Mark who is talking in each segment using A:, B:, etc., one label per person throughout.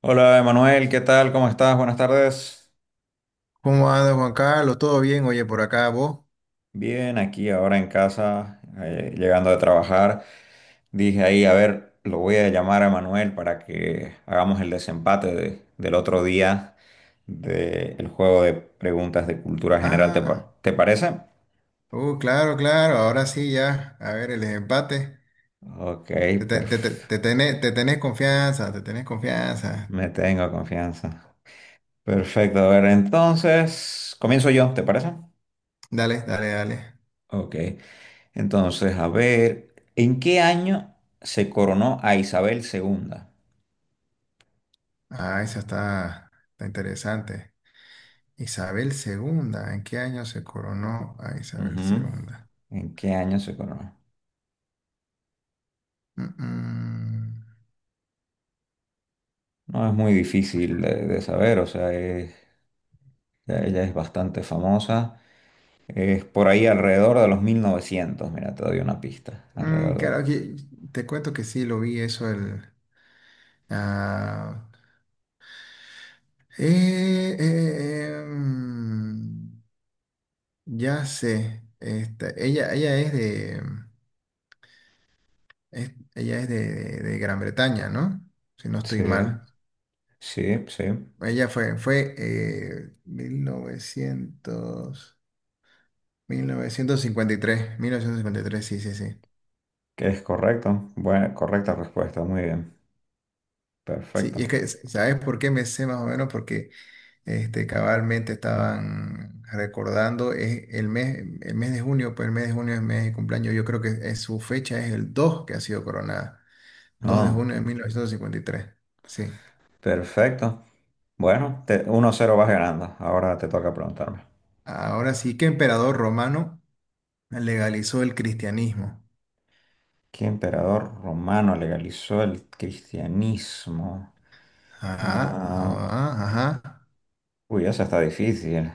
A: Hola Emanuel, ¿qué tal? ¿Cómo estás? Buenas tardes.
B: ¿Cómo anda Juan Carlos? ¿Todo bien? Oye, por acá vos.
A: Bien, aquí ahora en casa, llegando de trabajar. Dije ahí, a ver, lo voy a llamar a Emanuel para que hagamos el desempate del otro día del juego de preguntas de cultura general.
B: Ah,
A: ¿Te parece?
B: claro, claro. Ahora sí ya. A ver, el empate.
A: Ok,
B: Te, te, te, te-
A: perfecto.
B: te tenés, te tenés confianza, te tenés confianza.
A: Me tengo confianza. Perfecto, a ver, entonces comienzo yo, ¿te parece?
B: Dale, dale, dale.
A: Ok. Entonces, a ver, ¿en qué año se coronó a Isabel II?
B: Ah, esa está interesante. Isabel II. ¿En qué año se coronó a Isabel
A: Ujú.
B: II?
A: ¿En qué año se coronó?
B: Mm, mm.
A: No es muy difícil de saber, o sea, ya ella es bastante famosa. Es por ahí alrededor de los 1900. Mira, te doy una pista.
B: Mm,
A: Alrededor de
B: claro,
A: los-
B: aquí te cuento que sí, lo vi eso el... ah, mm. Ya sé, esta, ella es de Gran Bretaña, ¿no? Si no estoy
A: Sí,
B: mal.
A: sí, sí,
B: Ella fue 1953. 1953, sí, sí, sí.
A: que es correcto. Buena, correcta respuesta, muy bien.
B: Sí, y
A: Perfecto.
B: es que, ¿sabes por qué me sé más o menos? Porque este, cabalmente estaban recordando, es el mes de junio, pues el mes de junio es el mes de cumpleaños, yo creo su fecha es el 2 que ha sido coronada, 2 de
A: No,
B: junio de 1953. Sí.
A: perfecto. Bueno, te- 1-0 vas ganando. Ahora te toca preguntarme.
B: Ahora sí que emperador romano legalizó el cristianismo.
A: ¿Qué emperador romano legalizó el cristianismo?
B: Ajá,
A: Ah,
B: ajá, ajá.
A: uy, esa está difícil.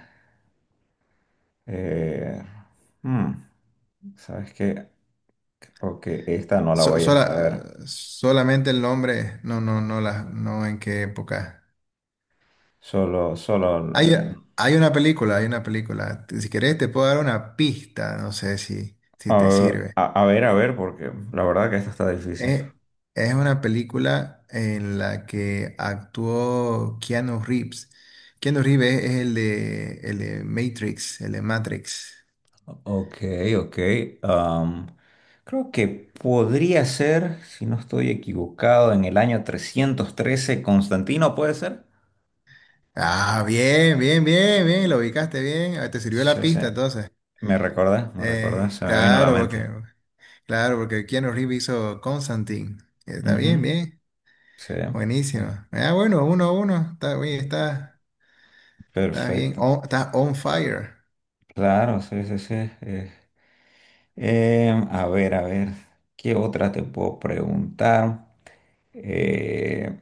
A: Eh, hmm, ¿Sabes qué? Ok, esta no la
B: So-
A: voy a saber.
B: sola- Solamente el nombre, no, no, no, no en qué época.
A: Solo, solo
B: Hay,
A: el...
B: hay una película, hay una película. Si querés te puedo dar una pista, no sé si
A: A,
B: te sirve.
A: a ver, porque la verdad que esta está difícil.
B: Es, es una película en la que actuó Keanu Reeves. Keanu Reeves es el de Matrix, el de Matrix.
A: Ok, ok. am, creo que podría ser, si no estoy equivocado, en el año 313 Constantino, ¿puede ser?
B: Ah, bien, bien, bien, bien, lo ubicaste bien. Ah, te sirvió la
A: Sí, sí.
B: pista entonces.
A: Me recuerda, se me vino a la
B: Claro,
A: mente.
B: porque, claro, porque Keanu Reeves hizo Constantine. Está bien,
A: Ujú,
B: bien.
A: sí,
B: Buenísimo.
A: per-
B: Ah, bueno, 1-1. Está bien, está bien.
A: perfecto.
B: Está on fire.
A: Claro, sí, sí, sí. eh. A ver, ¿qué otra te puedo preguntar? Eh,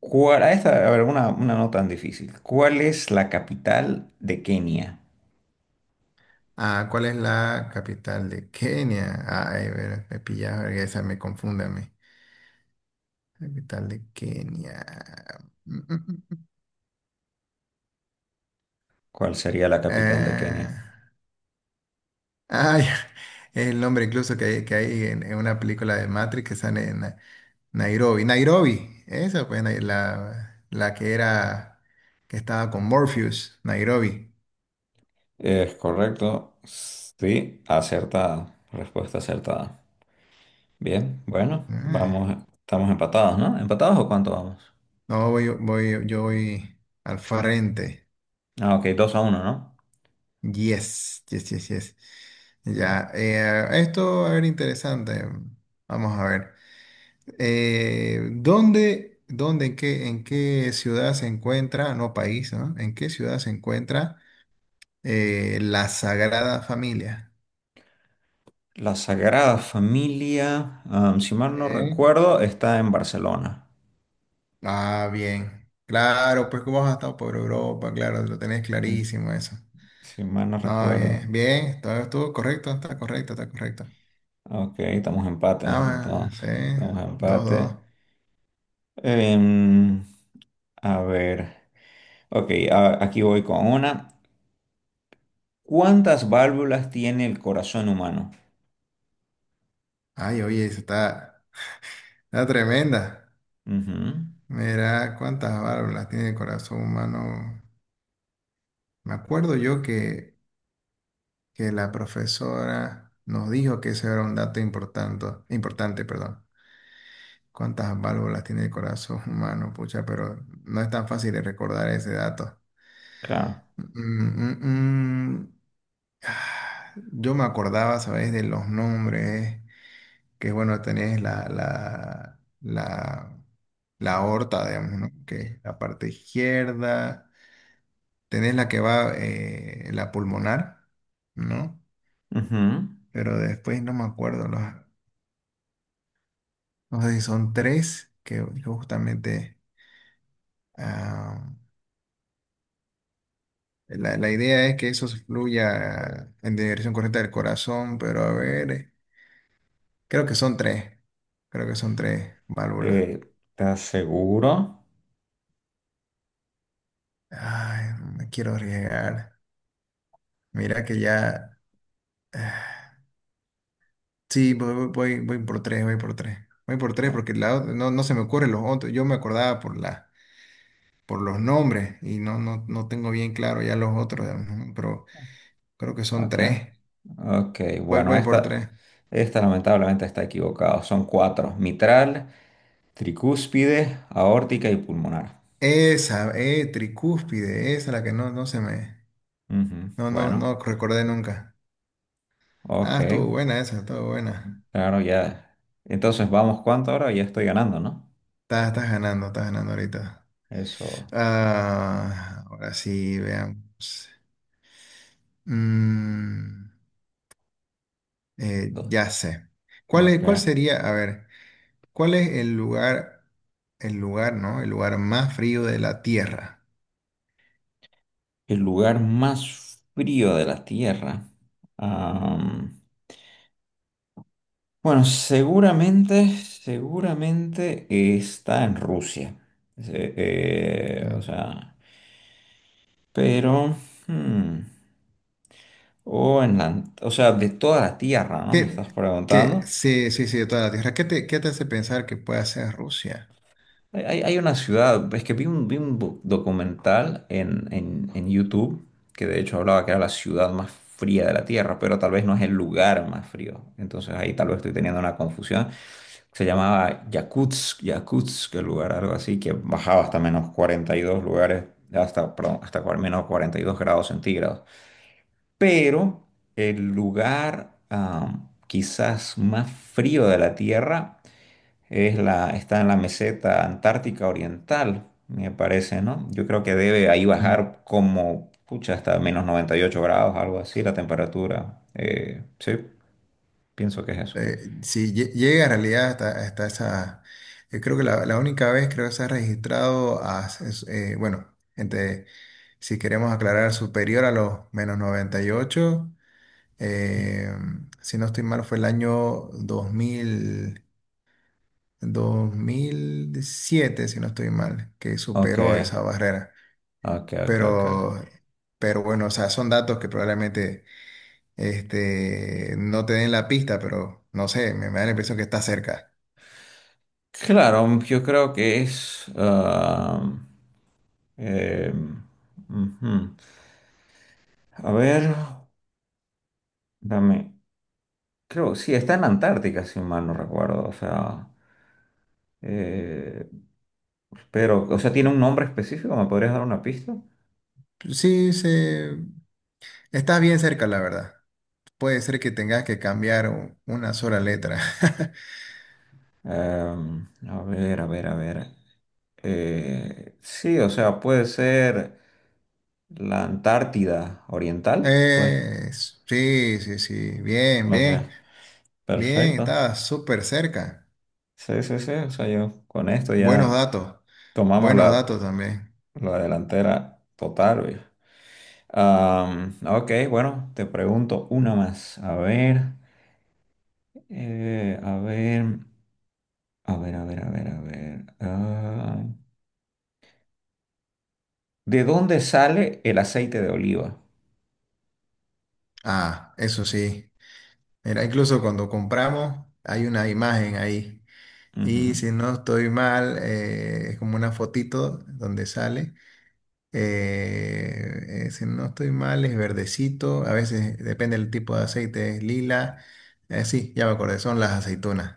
A: ¿Cuál, a esta, a ver, una no tan difícil. ¿Cuál es la capital de Kenia?
B: Ah, ¿cuál es la capital de Kenia? Ay, ver, me pillaba, esa me confunde a mí. Capital de Kenia. Mm, mm, mm. mm.
A: ¿Cuál sería la capital de Kenia?
B: Eh, Ay, el nombre incluso que hay en una película de Matrix que sale en Nairobi. Nairobi, esa pues la que era, que estaba con Morpheus, Nairobi.
A: Es correcto, sí, acertado. Respuesta acertada. Bien, bueno,
B: Ah,
A: vamos, estamos empatados, ¿no? ¿Empatados o cuánto vamos?
B: no, yo voy al frente.
A: Ah, ok, dos a uno, ¿no?
B: Yes, yes, yes, yes.
A: Bien.
B: Ya, esto va a ver interesante. Vamos a ver. ¿En qué ciudad se encuentra, no país, ¿no? ¿En qué ciudad se encuentra? La Sagrada Familia.
A: La Sagrada Familia, am, si
B: Ok.
A: mal no recuerdo, está en Barcelona.
B: Ah, bien. Claro, pues que vos has estado por Europa, claro, lo tenés
A: Mm,
B: clarísimo eso.
A: si mal no
B: No,
A: recuerdo.
B: bien, bien, todo estuvo correcto, está correcto, está correcto.
A: Ok, estamos empates,
B: Ah,
A: entonces.
B: sí,
A: Estamos
B: dos,
A: empates.
B: dos.
A: Em, a ver. Ok, aquí voy con una. ¿Cuántas válvulas tiene el corazón humano?
B: Ay, oye, eso está tremenda.
A: Ujú,
B: Mira cuántas válvulas tiene el corazón humano. Me acuerdo yo que la profesora nos dijo que ese era un dato importante, importante, perdón. Cuántas válvulas tiene el corazón humano, pucha, pero no es tan fácil de recordar ese dato.
A: claro.
B: Mm, mm, mm. Ah, yo me acordaba, ¿sabes? De los nombres, que bueno, tenés la aorta, digamos, ¿no? Que es la parte izquierda, tenés la que va, la pulmonar, ¿no?
A: Ujú.
B: Pero después no me acuerdo, no sé si son tres, que justamente... ah, La, la idea es que eso se fluya en dirección correcta del corazón, pero a ver, creo que son tres. Creo que son tres válvulas.
A: Eh, ¿Estás seguro?
B: Ay, no me quiero arriesgar. Mira que ya. Sí, voy por tres, voy por tres. Voy por tres
A: Oh,
B: porque no, no se me ocurren los otros. Yo me acordaba por los nombres y no, no, no tengo bien claro ya los otros, ujú, pero creo que son
A: ok.
B: tres.
A: Ok,
B: Voy,
A: bueno,
B: voy por tres.
A: esta lamentablemente está equivocado. Son cuatro: mitral, tricúspide, aórtica y pulmonar.
B: Esa, tricúspide, esa la que no, no se me,
A: Ujú,
B: no, no,
A: bueno,
B: no recordé nunca.
A: ok,
B: Ah, estuvo buena esa, estuvo buena.
A: claro, ya. Entonces, vamos, ¿cuánto ahora? Ya estoy ganando, ¿no?
B: Estás ganando, estás ganando ahorita.
A: Eso.
B: Ah, ahora sí, veamos. Mm,
A: to-
B: ya sé. ¿Cuál es-
A: Ok.
B: cuál sería, a ver, cuál es el lugar, ¿no? El lugar más frío de la Tierra.
A: El lugar más frío de la Tierra. Am, bueno, seguramente, seguramente está en Rusia. O
B: Mm.
A: sea, pero. Hmm, o en la, o sea, de toda la Tierra, ¿no? Me
B: ¿Qué,
A: estás preguntando.
B: sí, sí, sí, de toda la Tierra. ¿Qué te hace pensar que pueda ser Rusia?
A: Hay, hay una ciudad, es que vi un documental en YouTube que de hecho hablaba que era la ciudad más fría de la Tierra, pero tal vez no es el lugar más frío. Entonces ahí tal vez estoy teniendo una confusión. Se llamaba Yakutsk, Yakutsk, el lugar, algo así, que bajaba hasta menos 42 lugares, hasta, perdón, hasta menos 42 grados centígrados. Pero el lugar quizás más frío de la Tierra es la, está en la meseta antártica oriental, me parece, ¿no? Yo creo que debe ahí
B: Mm.
A: bajar como, pucha, hasta menos 98 grados, algo así, la temperatura. Sí, pienso que es eso.
B: Eh, sí, llega en realidad hasta, esa. Yo creo que la única vez creo que se ha registrado bueno, entre, si queremos aclarar, superior a los menos 98. eh, si no estoy mal, fue el año dos dos mil 2007 si no estoy mal, que
A: Ok,
B: superó esa barrera.
A: ok, ok, ok.
B: Pero, pero bueno, o sea, son datos que probablemente este, no te den la pista, pero no sé, me da la impresión que está cerca.
A: Claro, yo creo que es... em, ujú. A ver, dame creo, sí, está en la Antártica, si mal no recuerdo. O sea, eh, pero, o sea, ¿tiene un nombre específico? ¿Me podrías dar una pista?
B: Sí, está bien cerca, la verdad. Puede ser que tengas que cambiar una sola letra.
A: A ver, a ver, a ver. Sí, o sea, puede ser la Antártida Oriental, pues.
B: Sí, sí, sí. Bien,
A: Ok,
B: bien, bien.
A: perfecto.
B: Estaba súper cerca.
A: Sí, sí, sí. O sea, yo con esto
B: Buenos
A: ya
B: datos.
A: tomamos
B: Buenos
A: la,
B: datos también.
A: la delantera total, güey. Am, ok, bueno, te pregunto una más. A ver, a ver. A ver, a ver, a ver, a ver. Ah, ¿de dónde sale el aceite de oliva?
B: Ah, eso sí. Mira, incluso cuando compramos hay una imagen ahí. Y
A: Ujú.
B: si no estoy mal, es como una fotito donde sale. Si no estoy mal, es verdecito. A veces depende del tipo de aceite, es lila. Sí, ya me acordé, son las aceitunas.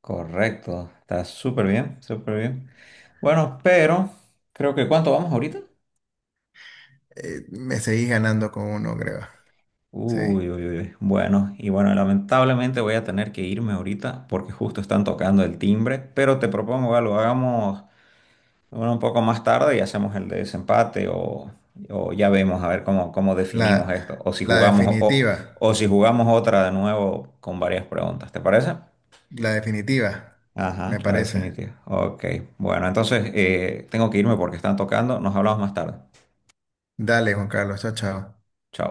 A: Correcto, está súper bien, súper bien. Bueno, pero creo que ¿cuánto vamos ahorita?
B: Me seguís ganando con uno, creo. Sí.
A: Uy, uy, uy. Bueno, y bueno, lamentablemente voy a tener que irme ahorita porque justo están tocando el timbre, pero te propongo algo, hagamos bueno, un poco más tarde y hacemos el de desempate o ya vemos a ver cómo, cómo
B: La,
A: definimos esto.
B: la definitiva.
A: O si jugamos otra de nuevo con varias preguntas, ¿te parece?
B: La definitiva,
A: Ajá,
B: me
A: la
B: parece.
A: definitiva. Ok. Bueno, entonces tengo que irme porque están tocando. Nos hablamos más tarde.
B: Dale, Juan Carlos. Chao, chao.
A: Chao.